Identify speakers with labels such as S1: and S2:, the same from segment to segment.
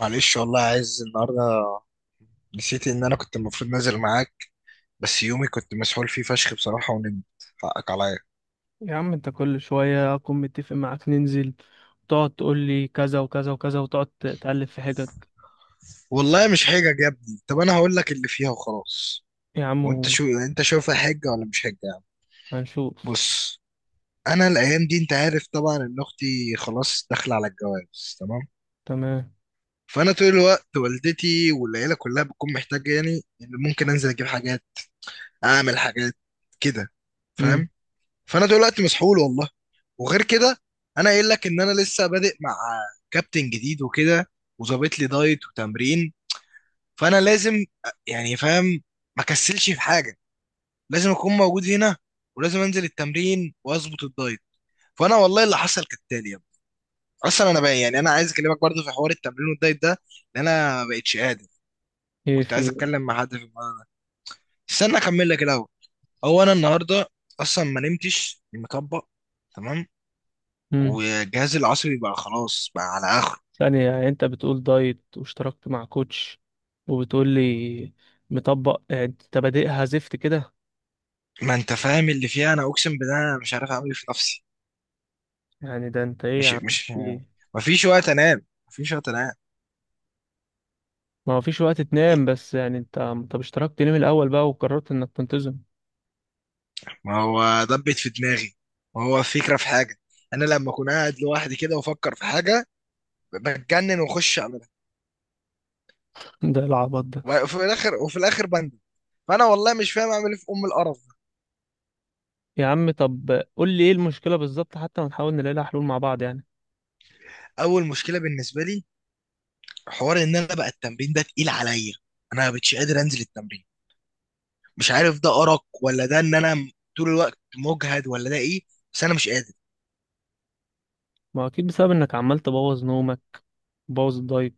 S1: معلش، والله عايز النهارده نسيت ان انا كنت المفروض نازل معاك، بس يومي كنت مسحول فيه فشخ بصراحه ونمت. حقك عليا.
S2: يا عم، انت كل شوية اكون متفق معاك ننزل، تقعد تقول لي كذا وكذا وكذا وتقعد تقلب في حجج.
S1: والله مش حجج يا ابني، طب انا هقول لك اللي فيها وخلاص.
S2: يا عم،
S1: وانت شو انت شايفها حجه ولا مش حجه يعني؟
S2: هنشوف.
S1: بص، انا الايام دي انت عارف طبعا ان اختي خلاص داخله على الجواز، تمام.
S2: تمام.
S1: فانا طول الوقت والدتي والعيله كلها بتكون محتاجه، يعني ان ممكن انزل اجيب حاجات، اعمل حاجات كده،
S2: امم.
S1: فاهم. فانا طول الوقت مسحول والله. وغير كده، انا قايل لك ان انا لسه بادئ مع كابتن جديد وكده، وظابط لي دايت وتمرين. فانا لازم يعني فاهم، ما كسلش في حاجه، لازم اكون موجود هنا ولازم انزل التمرين واظبط الدايت. فانا والله اللي حصل كالتالي يا ابني. اصلا انا بقى يعني انا عايز اكلمك برضه في حوار التمرين والدايت ده، لان انا ما بقتش قادر.
S2: ايه
S1: كنت عايز
S2: في.
S1: اتكلم مع حد في الموضوع ده. استنى اكمل لك الاول. هو انا النهارده اصلا ما نمتش مطبق، تمام.
S2: امم.
S1: والجهاز العصبي بقى خلاص بقى على اخره.
S2: ثانية، يعني انت بتقول دايت واشتركت مع كوتش، وبتقول لي مطبق؟ يعني انت بادئها زفت كده؟
S1: ما انت فاهم اللي فيها، انا اقسم بالله انا مش عارف اعمل ايه في نفسي.
S2: يعني ده انت ايه يا
S1: مش
S2: عم؟
S1: مش
S2: ايه؟
S1: ما فيش وقت انام، ما فيش وقت انام.
S2: ما هو فيش وقت تنام، بس يعني انت، طب اشتركت ليه من الاول بقى وقررت انك تنتظم؟
S1: ما هو دبت في دماغي، ما هو فكرة في حاجة. انا لما اكون قاعد لوحدي كده وافكر في حاجة بتجنن واخش اعملها،
S2: ده العبط ده.
S1: وفي الاخر بندم. فانا والله مش فاهم اعمل ايه في ام القرف ده.
S2: يا عم، طب قول لي ايه المشكلة بالظبط، حتى ونحاول نلاقي لها حلول مع بعض يعني.
S1: اول مشكلة بالنسبة لي حوار ان انا بقى التمرين ده تقيل عليا، انا مش قادر انزل التمرين. مش عارف ده ارق ولا ده ان انا طول الوقت مجهد ولا ده ايه، بس انا مش قادر.
S2: ما اكيد بسبب انك عمال تبوظ نومك، بوظ الدايت.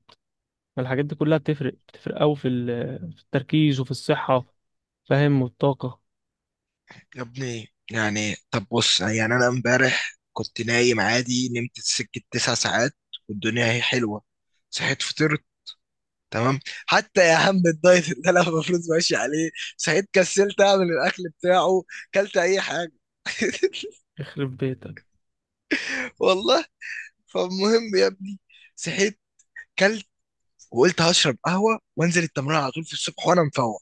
S2: ما الحاجات دي كلها بتفرق، بتفرق قوي في في التركيز وفي الصحة، فاهم، والطاقة.
S1: يا ابني يعني طب بص، يعني انا امبارح كنت نايم عادي، نمت سكة 9 ساعات والدنيا هي حلوة. صحيت فطرت، تمام. حتى يا عم الدايت اللي انا المفروض ماشي عليه، صحيت كسلت اعمل الاكل بتاعه، كلت اي حاجة.
S2: يخرب بيتك.
S1: والله. فالمهم يا ابني، صحيت كلت وقلت هشرب قهوة وانزل التمرين على طول في الصبح وانا مفوق.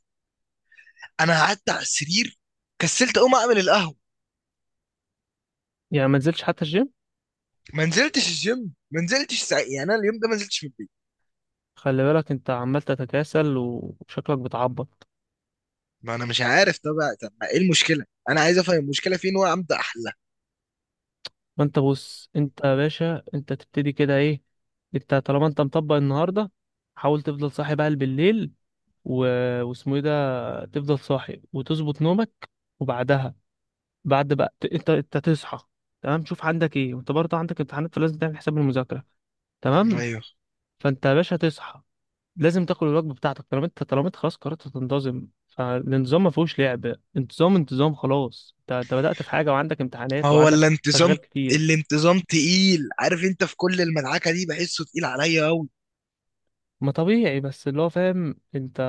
S1: انا قعدت على السرير، كسلت اقوم اعمل القهوة.
S2: يعني ما نزلتش حتى الجيم؟
S1: ما نزلتش الجيم، ما نزلتش ساعة، يعني انا اليوم ده ما نزلتش من البيت.
S2: خلي بالك، انت عمال تتكاسل وشكلك بتعبط.
S1: ما انا مش عارف ده بقى، طب ما ايه المشكله؟ انا عايز افهم المشكله فين وابدا احلها.
S2: فانت بص، انت يا باشا، انت تبتدي كده ايه؟ انت طالما انت مطبق النهاردة، حاول تفضل صاحي بقى بالليل، و... واسمه ايه ده، تفضل صاحي وتظبط نومك، وبعدها بعد بقى انت تصحى، تمام، شوف عندك ايه، وانت برضه عندك امتحانات فلازم تعمل حساب المذاكره. تمام.
S1: ايوه.
S2: فانت يا باشا تصحى، لازم تاكل الوجبه بتاعتك، طالما انت خلاص قررت تنتظم، فالانتظام ما فيهوش لعب، انتظام انتظام خلاص، انت بدأت في حاجه وعندك
S1: ما
S2: امتحانات
S1: هو ولا
S2: وعندك
S1: انتظام،
S2: اشغال كتير.
S1: الانتظام تقيل، عارف انت في كل المدعكه دي بحسه تقيل عليا قوي.
S2: ما طبيعي، بس اللي هو فاهم، انت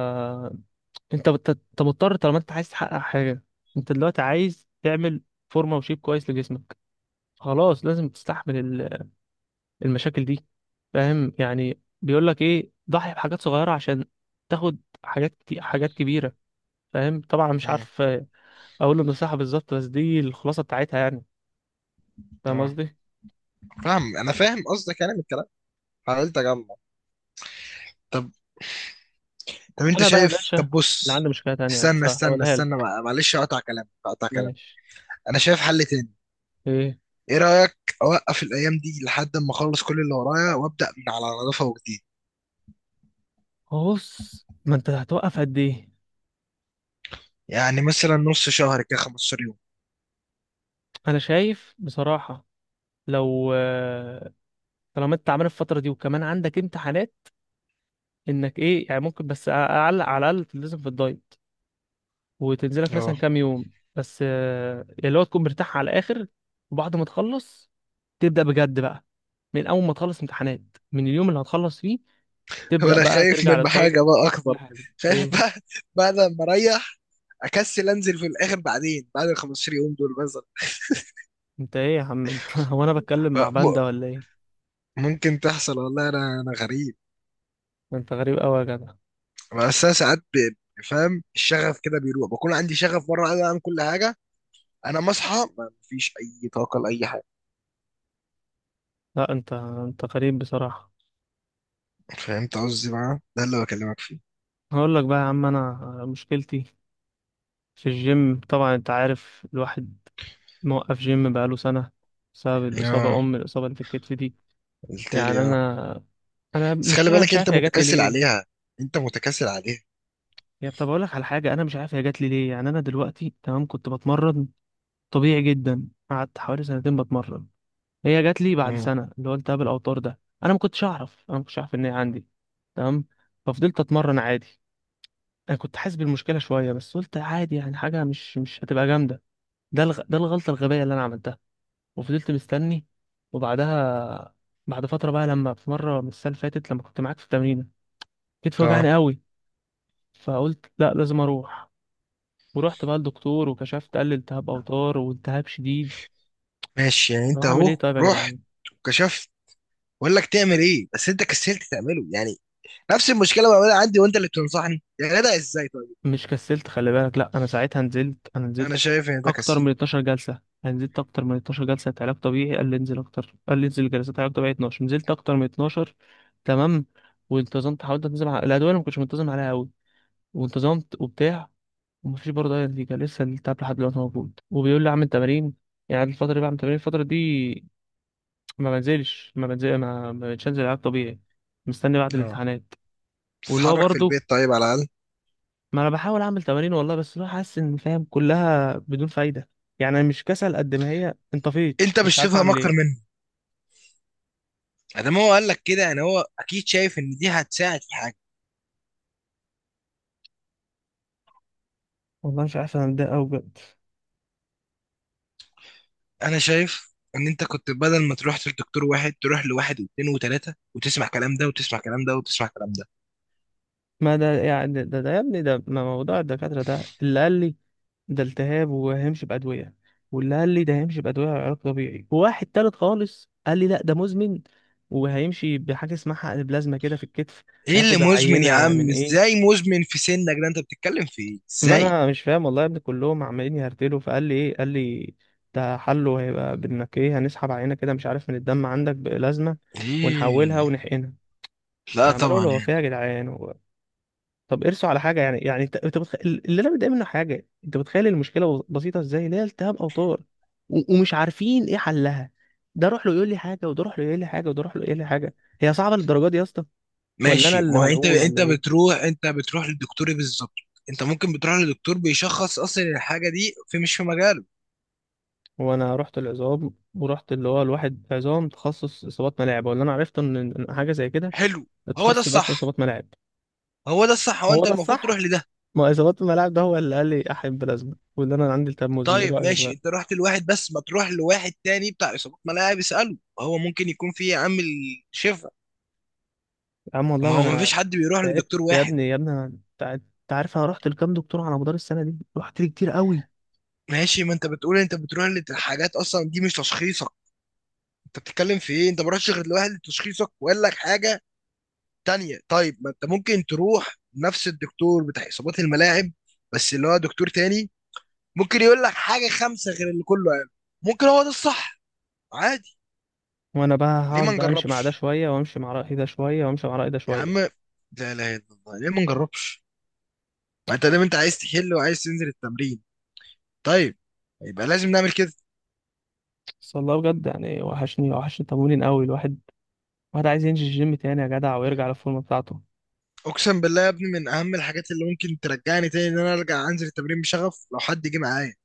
S2: انت مضطر طالما انت عايز تحقق حاجه. انت دلوقتي عايز تعمل فورمه وشيب كويس لجسمك، خلاص لازم تستحمل المشاكل دي، فاهم. يعني بيقول لك ايه، ضحي بحاجات صغيره عشان تاخد حاجات كتير، حاجات كبيره، فاهم. طبعا مش
S1: مم.
S2: عارف اقول النصيحه بالظبط، بس دي الخلاصه بتاعتها يعني. فاهم
S1: اه،
S2: قصدي.
S1: فاهم، انا فاهم قصدك يعني من الكلام، حاولت اجمع. طب طب انت
S2: انا بقى يا
S1: شايف،
S2: باشا،
S1: طب
S2: اللي
S1: بص،
S2: عندي مشكله تانية
S1: استنى
S2: بس
S1: استنى
S2: هقولها
S1: استنى
S2: لك.
S1: مع- معلش اقطع كلامك اقطع كلامك.
S2: ماشي.
S1: انا شايف حل تاني.
S2: ايه؟
S1: ايه رايك اوقف الايام دي لحد ما اخلص كل اللي ورايا وابدا من على نظافه وجديد؟
S2: هو بص، ما انت هتوقف قد ايه؟
S1: يعني مثلا نص شهر كده، 15 يوم.
S2: انا شايف بصراحه، لو طالما انت عامل الفتره دي وكمان عندك امتحانات، انك ايه يعني ممكن، بس اعلق على الاقل تلتزم في الدايت، وتنزلك مثلا
S1: اه.
S2: كام يوم. بس اللي هو تكون مرتاح على الاخر، وبعد ما تخلص تبدأ بجد بقى، من اول ما تخلص امتحانات، من اليوم اللي هتخلص فيه تبدأ
S1: وانا
S2: بقى
S1: خايف
S2: ترجع
S1: من
S2: للدايت.
S1: حاجه بقى
S2: كل
S1: اكبر.
S2: حاجة.
S1: خايف
S2: ايه؟
S1: بقى بعد ما اريح اكسل انزل في الاخر بعدين بعد ال 15 يوم دول مثلا.
S2: انت ايه يا عم انت؟ هو انا بتكلم مع
S1: م-
S2: باندا ولا ايه؟
S1: ممكن تحصل والله، انا غريب.
S2: ده انت غريب قوي يا جدع.
S1: بس انا ساعات فاهم، الشغف كده بيروح، بكون عندي شغف مره عايز اعمل كل حاجه، انا مصحى ما فيش اي طاقه لاي حاجه.
S2: لا، انت غريب بصراحة.
S1: فهمت قصدي؟ بقى ده اللي بكلمك فيه.
S2: هقول لك بقى يا عم، انا مشكلتي في الجيم طبعا. انت عارف الواحد موقف جيم بقاله سنة بسبب الإصابة،
S1: اه.
S2: أم الإصابة اللي في الكتف دي.
S1: قلت لي
S2: يعني
S1: اه.
S2: انا
S1: بس خلي
S2: المشكله
S1: بالك
S2: مش
S1: انت
S2: عارف هي جات لي
S1: متكاسل
S2: ليه.
S1: عليها، انت متكاسل عليها.
S2: يا، طب اقول لك على حاجه، انا مش عارف هي جات لي ليه. يعني انا دلوقتي تمام كنت بتمرن طبيعي جدا، قعدت حوالي سنتين بتمرن. هي جات لي بعد
S1: امم.
S2: سنه، اللي هو التهاب الاوتار ده. انا ما كنتش اعرف ان هي عندي. تمام. ففضلت اتمرن عادي. انا كنت حاسس بالمشكله شويه، بس قلت عادي يعني، حاجه مش هتبقى جامده. ده الغلطه الغبيه اللي انا عملتها. وفضلت مستني، وبعدها بعد فتره بقى، لما في مره من السنه اللي فاتت، لما كنت معاك في التمرين، كتفي
S1: اه
S2: وجعني قوي. فقلت لا، لازم اروح. ورحت بقى للدكتور وكشفت، قال لي التهاب اوتار والتهاب شديد.
S1: ماشي، يعني
S2: طب
S1: انت
S2: اعمل ايه
S1: اهو
S2: طيب يا
S1: رحت
S2: جدعان؟
S1: وكشفت، بقول لك تعمل ايه بس انت كسلت تعمله يعني. نفس المشكله بعملها عندي وانت اللي بتنصحني يا جدع، ازاي طيب؟
S2: مش كسلت، خلي بالك، لا انا ساعتها نزلت، انا
S1: انا
S2: نزلت
S1: شايف ان ده
S2: اكتر
S1: كسل.
S2: من 12 جلسه. انا نزلت اكتر من 12 جلسه بتاع علاج طبيعي، قال لي انزل اكتر، قال لي انزل جلسات علاج طبيعي 12، نزلت اكتر من 12. تمام. وانتظمت، حاولت انتظم على الادويه اللي ما كنتش منتظم عليها قوي، وانتظمت وبتاع. ومفيش برضه اي نتيجه، لسه التعب لحد دلوقتي موجود، وبيقول لي اعمل تمارين. يعني الفتره دي بعمل تمارين، الفتره دي ما بنزلش ما بنزل ما ما بقتش انزل العاب طبيعي، مستني بعد
S1: اه.
S2: الامتحانات. واللي هو
S1: تتحرك في
S2: برضه،
S1: البيت طيب على الاقل.
S2: ما انا بحاول اعمل تمارين والله، بس اللي هو حاسس ان، فاهم، كلها بدون فايده. يعني انا مش كسل قد ما هي انطفيت،
S1: انت
S2: مش
S1: مش
S2: عارف
S1: تفهم
S2: اعمل
S1: اكتر
S2: ايه.
S1: منه، ادام هو قال لك كده يعني هو اكيد شايف ان دي هتساعد في حاجه.
S2: والله مش عارف، انا متضايق قوي بجد.
S1: انا شايف ان انت كنت بدل ما تروح لدكتور واحد، تروح لواحد واثنين وثلاثه، وتسمع كلام ده وتسمع كلام ده وتسمع كلام ده.
S2: ما ده يعني ده يا ابني، ده ما موضوع الدكاتره، ده اللي قال لي ده التهاب وهيمشي بادويه، واللي قال لي ده هيمشي بادويه وعلاج طبيعي، وواحد تالت خالص قال لي لا ده مزمن، وهيمشي بحاجه اسمها حقن بلازما كده في الكتف.
S1: ايه اللي
S2: هياخد
S1: مزمن يا
S2: عينه من
S1: عم؟
S2: ايه؟
S1: ازاي مزمن في سنك ده؟ انت بتتكلم في ايه
S2: ما
S1: ازاي؟
S2: انا مش فاهم والله يا ابني، كلهم عمالين يهرتلوا. فقال لي ايه قال لي، ده حله هيبقى بانك ايه، هنسحب عينه كده، مش عارف، من الدم عندك بلازمه،
S1: ايه؟
S2: ونحولها ونحقنها.
S1: لا
S2: عمال
S1: طبعا
S2: اقول هو
S1: يعني.
S2: فيها يا جدعان، هو. طب ارسوا على حاجه يعني. انت اللي انا متضايق منه، حاجه انت متخيل المشكله بسيطه ازاي، اللي هي التهاب اوتار، ومش عارفين ايه حلها. ده روح له يقول لي حاجه، وده روح له يقول لي حاجه، وده روح له يقول لي حاجه. هي صعبه للدرجه دي يا اسطى؟ ولا انا
S1: ماشي،
S2: اللي
S1: ما هو انت
S2: ملعون ولا
S1: انت
S2: ايه؟
S1: بتروح انت بتروح للدكتور إيه بالظبط؟ انت ممكن بتروح للدكتور بيشخص اصلا الحاجه دي في، مش في مجاله.
S2: وانا رحت العظام، ورحت اللي هو، الواحد عظام تخصص اصابات ملاعب، ولا انا عرفت ان حاجه زي كده.
S1: حلو. هو ده
S2: التخصص يبقى اسمه
S1: الصح،
S2: اصابات ملاعب.
S1: هو ده الصح، هو
S2: هو
S1: انت
S2: ده
S1: المفروض
S2: الصح.
S1: تروح لده.
S2: ما اصابات الملاعب ده هو اللي قال لي احب بلازما، واللي انا عندي التهاب مزمن، ايه
S1: طيب
S2: رايك
S1: ماشي،
S2: بقى؟
S1: انت رحت لواحد، بس ما تروح لواحد تاني بتاع اصابات ملاعب اساله، هو ممكن يكون فيه عامل شفا.
S2: يا عم والله
S1: ما
S2: ما
S1: هو ما
S2: انا
S1: فيش حد بيروح
S2: تعبت
S1: لدكتور
S2: يا
S1: واحد.
S2: ابني. يا ابني انا انت عارف انا رحت لكام دكتور على مدار السنه دي، رحت لي كتير قوي.
S1: ماشي، ما انت بتقول انت بتروح لحاجات اصلا دي مش تشخيصك، انت بتتكلم في ايه؟ انت ما رحتش غير لواحد لتشخيصك وقال لك حاجه تانية. طيب، ما انت ممكن تروح نفس الدكتور بتاع اصابات الملاعب، بس اللي هو دكتور تاني، ممكن يقول لك حاجه خمسه غير اللي كله قاله. ممكن هو ده الصح، عادي.
S2: وانا بقى
S1: ليه
S2: هقعد
S1: ما
S2: بقى امشي مع ده
S1: نجربش؟
S2: شويه، وامشي مع راي ده شويه، وامشي مع راي ده
S1: يا عم،
S2: شويه؟
S1: لا اله الا الله، ليه ما نجربش؟ ما انت دايما انت عايز تحل وعايز تنزل التمرين، طيب، يبقى لازم نعمل كده.
S2: بس والله بجد يعني، وحشني وحشني التمرين قوي، الواحد. الواحد عايز ينزل الجيم تاني يا جدع، ويرجع للفورمه بتاعته.
S1: اقسم بالله يا ابني، من اهم الحاجات اللي ممكن ترجعني تاني ان انا ارجع انزل التمرين بشغف، لو حد جه معايا.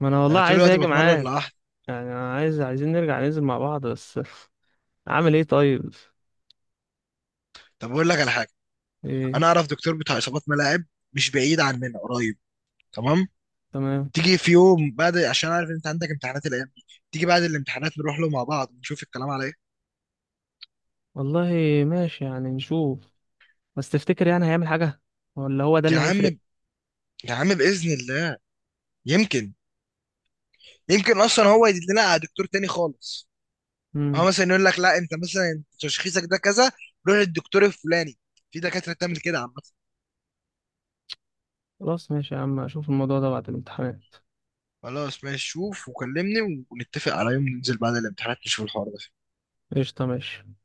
S2: ما انا والله
S1: انا طول
S2: عايز
S1: الوقت
S2: اجي
S1: بتمرن
S2: معاك.
S1: لوحدي.
S2: يعني انا عايزين نرجع ننزل مع بعض بس. اعمل ايه طيب؟
S1: طب اقول لك على حاجه،
S2: ايه؟
S1: انا اعرف دكتور بتاع اصابات ملاعب، مش بعيد عننا، قريب، تمام.
S2: تمام.
S1: تيجي في يوم بعد، عشان عارف ان انت عندك امتحانات الايام دي، تيجي بعد الامتحانات نروح له مع بعض نشوف الكلام على ايه.
S2: والله ماشي يعني، نشوف. بس تفتكر يعني هيعمل حاجة، ولا هو ده
S1: يا
S2: اللي
S1: عم،
S2: هيفرق؟
S1: يا عم باذن الله، يمكن يمكن اصلا هو يدلنا لنا على دكتور تاني خالص. هو
S2: امم.
S1: مثلا يقول لك لا، انت مثلا انت تشخيصك ده كذا، روح للدكتور الفلاني. في دكاتره بتعمل كده عامه.
S2: خلاص، ماشي يا عم، اشوف الموضوع ده بعد الامتحانات.
S1: خلاص ماشي، شوف وكلمني ونتفق على يوم ننزل بعد الامتحانات نشوف الحوار ده.
S2: قشطة ماشي.